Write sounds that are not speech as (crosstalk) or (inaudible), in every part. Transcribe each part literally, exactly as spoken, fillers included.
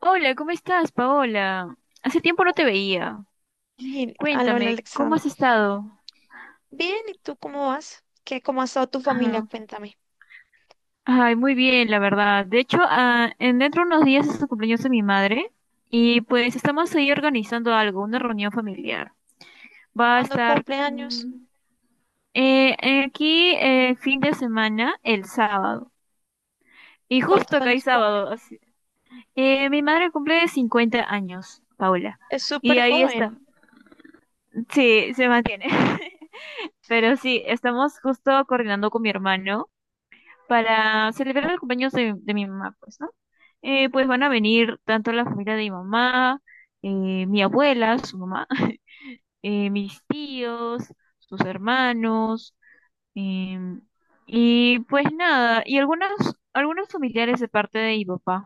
Hola, ¿cómo estás, Paola? Hace tiempo no te veía. Y- Hola, hola, Cuéntame, ¿cómo has Alexandra. estado? Bien, ¿y tú cómo vas? ¿Qué, ¿cómo ha estado tu familia? Ajá. Cuéntame. Ay, muy bien, la verdad. De hecho, ah, en dentro de unos días es el cumpleaños de mi madre y pues estamos ahí organizando algo, una reunión familiar. Va a ¿Cuándo estar cumple años? mm, eh, eh, aquí eh, fin de semana, el sábado. ¿Y Y justo cuántos acá hay años cumple? sábado. Así. Eh, mi madre cumple cincuenta años, Paola. Es Y súper ahí joven. está. Sí, se mantiene. (laughs) Pero sí, estamos justo coordinando con mi hermano para celebrar el cumpleaños de, de mi mamá, pues, ¿no? Eh, pues van a venir tanto la familia de mi mamá, eh, mi abuela, su mamá, (laughs) eh, mis tíos, sus hermanos, em, y pues nada, y algunos, algunos familiares de parte de mi papá.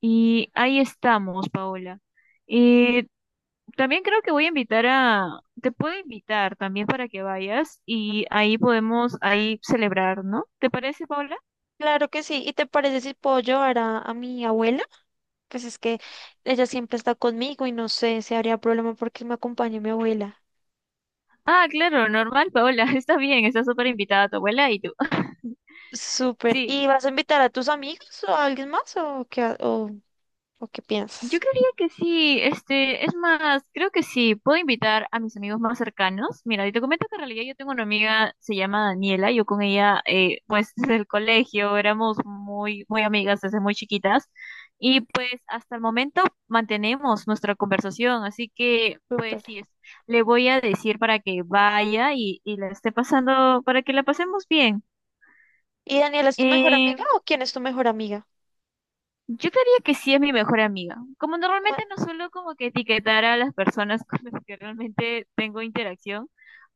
Y ahí estamos, Paola. Eh, también creo que voy a invitar a, te puedo invitar también para que vayas y ahí podemos ahí celebrar, ¿no? ¿Te parece, Paola? Claro que sí. ¿Y te parece si puedo llevar a, a mi abuela? Pues es que ella siempre está conmigo y no sé si habría problema porque me acompañe mi abuela. Ah, claro, normal, Paola. (laughs) Está bien, está súper invitada tu abuela y tú. (laughs) Súper. ¿Y Sí. vas a invitar a tus amigos o a alguien más o qué, ha- o, o qué Yo piensas? creería que sí, este, es más, creo que sí, puedo invitar a mis amigos más cercanos. Mira, y te comento que en realidad yo tengo una amiga, se llama Daniela, yo con ella, eh, pues (laughs) desde el colegio éramos muy, muy amigas desde muy chiquitas y pues hasta el momento mantenemos nuestra conversación, así que Súper. pues sí, es- le voy a decir para que vaya y, y la esté pasando, para que la pasemos bien. ¿Y Daniela es tu mejor Eh, amiga o quién es tu mejor amiga? Yo diría que sí es mi mejor amiga. Como ¿Cuál? normalmente no suelo como que etiquetar a las personas (laughs) con las que realmente tengo interacción,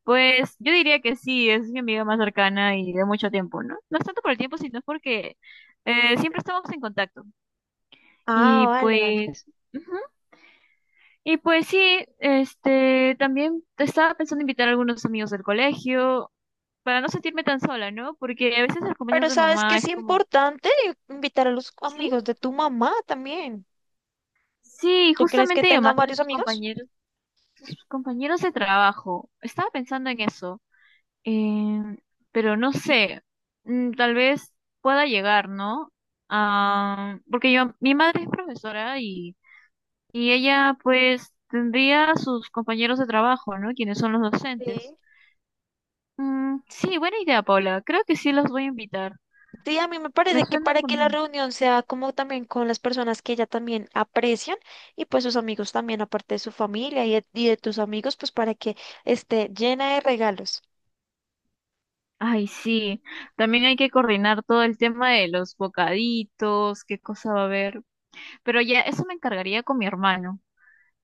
pues yo diría que sí, es mi amiga más cercana y de mucho tiempo, ¿no? No es tanto por el tiempo, sino porque eh, siempre estamos en contacto. Ah, Y vale, vale. pues, ujú. Y pues sí, este, también estaba pensando invitar a algunos amigos del colegio para no sentirme tan sola, ¿no? Porque a veces el compañero Pero de sabes que mamá es es como, importante invitar a los sí, amigos de tu mamá también. sí, ¿Tú crees que justamente mi tengan mamá tiene varios sus amigos? compañeros sus compañeros de trabajo. Estaba pensando en eso, eh, pero no sé, mm, tal vez pueda llegar, ¿no? Ah, porque yo, mi madre es profesora y, y ella pues tendría sus compañeros de trabajo, ¿no? Quienes son los docentes. Sí. Mm, sí, buena idea, Paula. Creo que sí los voy a invitar. Sí, a mí me Me parece que suena para que la como... reunión sea como también con las personas que ella también aprecian y pues sus amigos también, aparte de su familia y de, y de tus amigos, pues para que esté llena de regalos. Ay, sí. También hay que coordinar todo el tema de los bocaditos, qué cosa va a haber. Pero ya, eso me encargaría con mi hermano.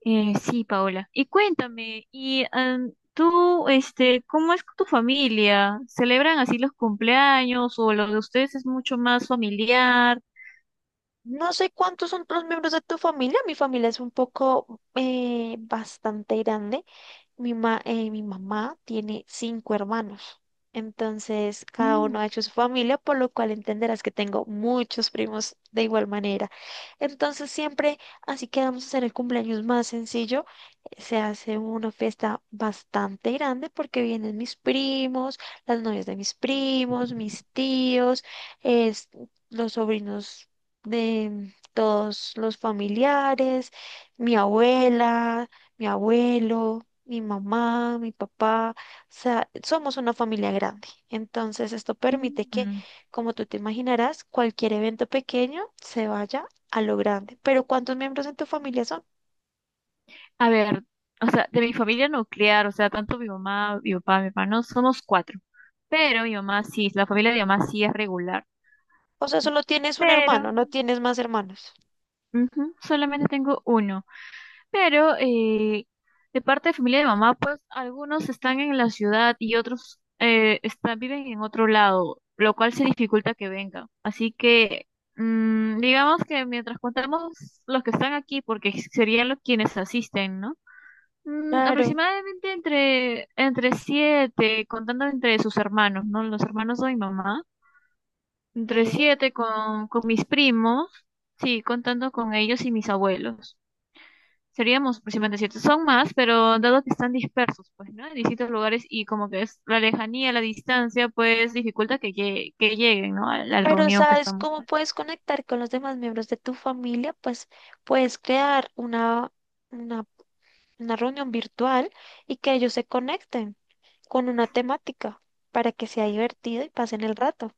Eh, sí, Paola. Y cuéntame, y am, tú, este, ¿cómo es con tu familia? ¿Celebran así los cumpleaños o lo de ustedes es mucho más familiar? No sé cuántos son los miembros de tu familia. Mi familia es un poco eh, bastante grande. Mi ma- eh, mi mamá tiene cinco hermanos, entonces cada Mm. uno ha hecho su familia, por lo cual entenderás que tengo muchos primos de igual manera. Entonces siempre, así que vamos a hacer el cumpleaños más sencillo. Eh, se hace una fiesta bastante grande porque vienen mis primos, las novias de mis primos, mis tíos, es- los sobrinos de todos los familiares, mi abuela, mi abuelo, mi mamá, mi papá. O sea, somos una familia grande. Entonces, esto permite que, Mm. como tú te imaginarás, cualquier evento pequeño se vaya a lo grande. Pero ¿cuántos miembros en tu familia son? A ver, o sea, de mi familia nuclear, o sea, tanto mi mamá, mi papá, mi hermano, somos cuatro. Pero mi mamá sí, la familia de mi mamá sí es regular. O sea, solo tienes un Pero hermano, no tienes más hermanos. ujú, solamente tengo uno. Pero eh, de parte de familia de mamá, pues algunos están en la ciudad y otros eh, están, viven en otro lado, lo cual se dificulta que vengan. Así que mm, digamos que mientras contamos los que están aquí, porque serían los quienes asisten, ¿no? Mm, Claro, aproximadamente entre, entre siete, contando entre sus hermanos, ¿no? Los hermanos de mi mamá, entre sí. siete con, con mis primos, sí, contando con ellos y mis abuelos seríamos aproximadamente siete. Son más, pero dado que están dispersos, pues, ¿no? En distintos lugares y como que es la lejanía, la distancia, pues dificulta que, llegue- que lleguen, ¿no? A la Pero reunión que ¿sabes estamos, cómo pues. puedes conectar con los demás miembros de tu familia? Pues puedes crear una, una, una reunión virtual y que ellos se conecten con una temática para que sea divertido y pasen el rato.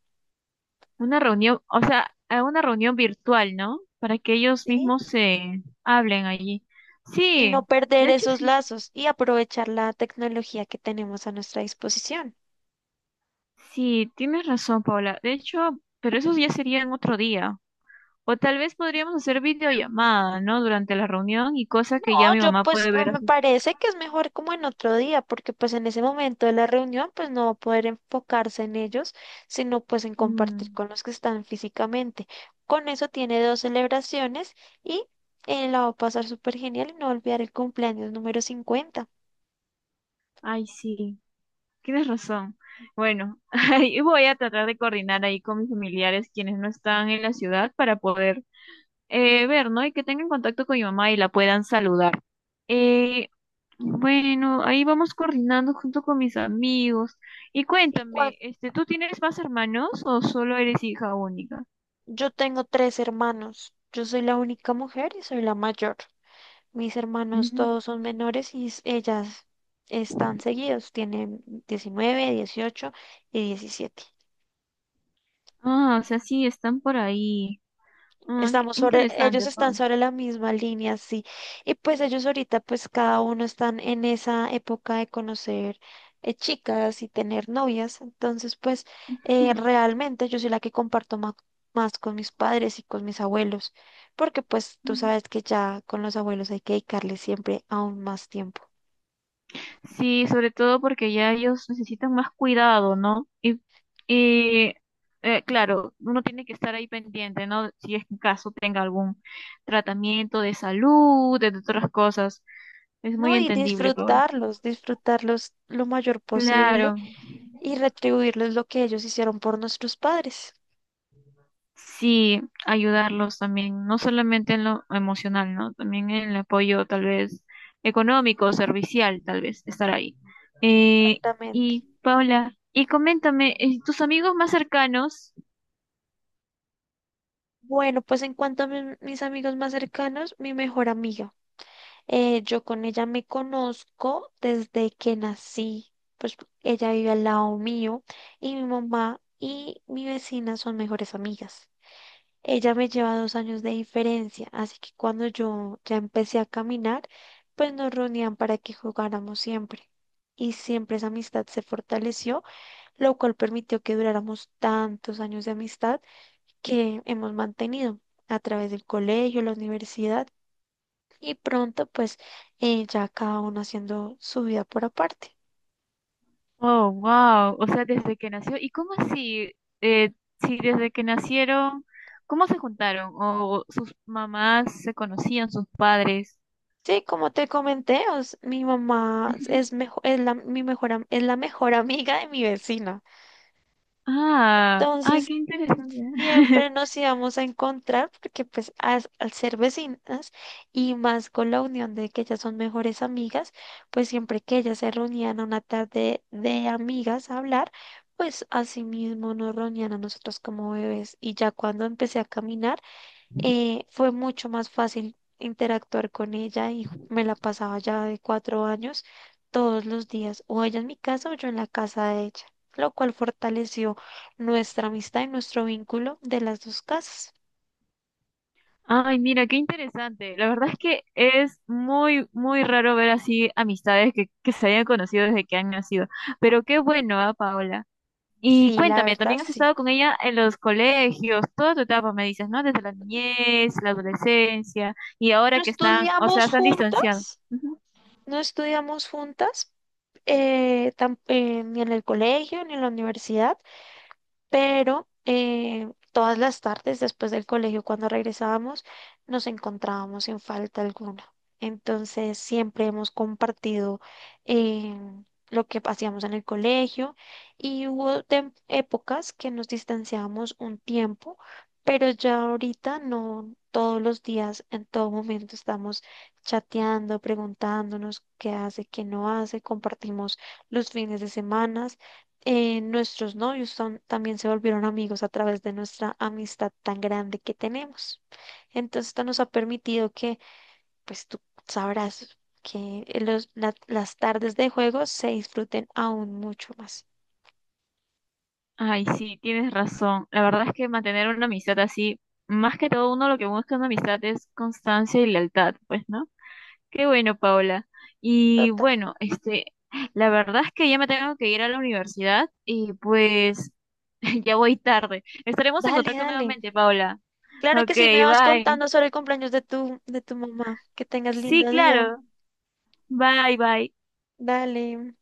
Una reunión, o sea, a una reunión virtual, ¿no? Para que ellos ¿sí? mismos se hablen allí. Y no Sí, de perder hecho esos sí. lazos y aprovechar la tecnología que tenemos a nuestra disposición. Sí, tienes razón, Paula. De hecho, pero eso ya sería en otro día. O tal vez podríamos hacer videollamada, ¿no? Durante la reunión y cosa que ya No, mi yo mamá pues puede eh, ver me así. parece que es mejor como en otro día, porque pues en ese momento de la reunión pues no va a poder enfocarse en ellos, sino pues en compartir Mm, con los que están físicamente. Con eso tiene dos celebraciones y eh, la va a pasar súper genial y no va a olvidar el cumpleaños número cincuenta. ay, sí. Tienes razón. Bueno, (laughs) ahí voy a tratar de coordinar ahí con mis familiares quienes no están en la ciudad para poder eh, ver, ¿no? Y que tengan contacto con mi mamá y la puedan saludar. Eh, bueno, ahí vamos coordinando junto con mis amigos. Y Y cuan- cuéntame, este, ¿tú tienes más hermanos o solo eres hija única? yo tengo tres hermanos, yo soy la única mujer y soy la mayor. Mis hermanos Ujú. todos son menores y s- ellas están seguidos, tienen diecinueve, dieciocho y diecisiete. Ah, o sea, sí, están por ahí. Ah, qué Estamos sobre, ellos interesante, están Paula. sobre la misma línea, sí. Y pues ellos ahorita, pues cada uno están en esa época de conocer eh, chicas y tener novias. Entonces, pues eh, (laughs) realmente yo soy la que comparto ma- más con mis padres y con mis abuelos, porque pues tú sabes que ya con los abuelos hay que dedicarle siempre aún más tiempo. Sí, sobre todo porque ya ellos necesitan más cuidado, ¿no? Y, y eh, claro, uno tiene que estar ahí pendiente, ¿no? Si es que en caso tenga algún tratamiento de salud, de otras cosas. Es muy No, y entendible, pues. disfrutarlos, disfrutarlos lo mayor Claro, posible y retribuirles lo que ellos hicieron por nuestros padres. sí, ayudarlos también, no solamente en lo emocional, ¿no? También en el apoyo tal vez económico, servicial, tal vez, estar ahí. Eh, Exactamente. y Paula, y coméntame, eh, ¿tus amigos más cercanos? Bueno, pues en cuanto a mi- mis amigos más cercanos, mi mejor amiga. Eh, yo con ella me conozco desde que nací. Pues ella vive al lado mío y mi mamá y mi vecina son mejores amigas. Ella me lleva dos años de diferencia, así que cuando yo ya empecé a caminar, pues nos reunían para que jugáramos siempre. Y siempre esa amistad se fortaleció, lo cual permitió que duráramos tantos años de amistad que hemos mantenido a través del colegio, la universidad y pronto pues eh, ya cada uno haciendo su vida por aparte. Oh, wow. O sea, desde que nació. ¿Y cómo así? Eh, si desde que nacieron, ¿cómo se juntaron? ¿O sus mamás se conocían, sus padres? Sí, como te comenté, os- mi mamá Ujú. es mejor, es la, mi mejor, am- es la mejor (laughs) amiga de mi vecina. Ah, ay, Entonces, qué interesante. siempre (laughs) nos íbamos a encontrar porque pues as- al ser vecinas y más con la unión de que ellas son mejores amigas, pues siempre que ellas se reunían a una tarde de amigas a hablar, pues así mismo nos reunían a nosotros como bebés. Y ya cuando empecé a caminar, eh, fue mucho más fácil interactuar con ella y me la pasaba ya de cuatro años todos los días, o ella en mi casa o yo en la casa de ella, lo cual fortaleció nuestra amistad y nuestro vínculo de las dos casas. Ay, mira, qué interesante. La verdad es que es muy, muy raro ver así amistades que, que se hayan conocido desde que han nacido. Pero qué bueno, ¿ah, Paola? Y Sí, la cuéntame, verdad, también has sí. estado con ella en los colegios, toda tu etapa, me dices, ¿no? Desde la niñez, la adolescencia, y No ahora que están, o sea, estudiamos se han distanciado. juntas, Ujú. no estudiamos juntas, eh, tam- eh, ni en el colegio ni en la universidad, pero eh, todas las tardes después del colegio, cuando regresábamos, nos encontrábamos sin falta alguna. Entonces, siempre hemos compartido eh, lo que hacíamos en el colegio y hubo tem- épocas que nos distanciábamos un tiempo, pero ya ahorita no todos los días, en todo momento estamos chateando, preguntándonos qué hace, qué no hace, compartimos los fines de semana. Eh, nuestros novios son- también se volvieron amigos a través de nuestra amistad tan grande que tenemos. Entonces, esto nos ha permitido que, pues tú sabrás que los- la- las tardes de juego se disfruten aún mucho más. Ay, sí, tienes razón. La verdad es que mantener una amistad así, más que todo uno lo que busca en una amistad es constancia y lealtad, pues, ¿no? Qué bueno, Paola. Y Total. bueno, este, la verdad es que ya me tengo que ir a la universidad y pues (laughs) ya voy tarde. Estaremos en Dale, contacto dale. nuevamente, Paola. Claro que Ok, sí, me vas bye. contando sobre el cumpleaños de tu, de tu mamá. Que tengas Sí, lindo día. claro. Bye, bye. Dale.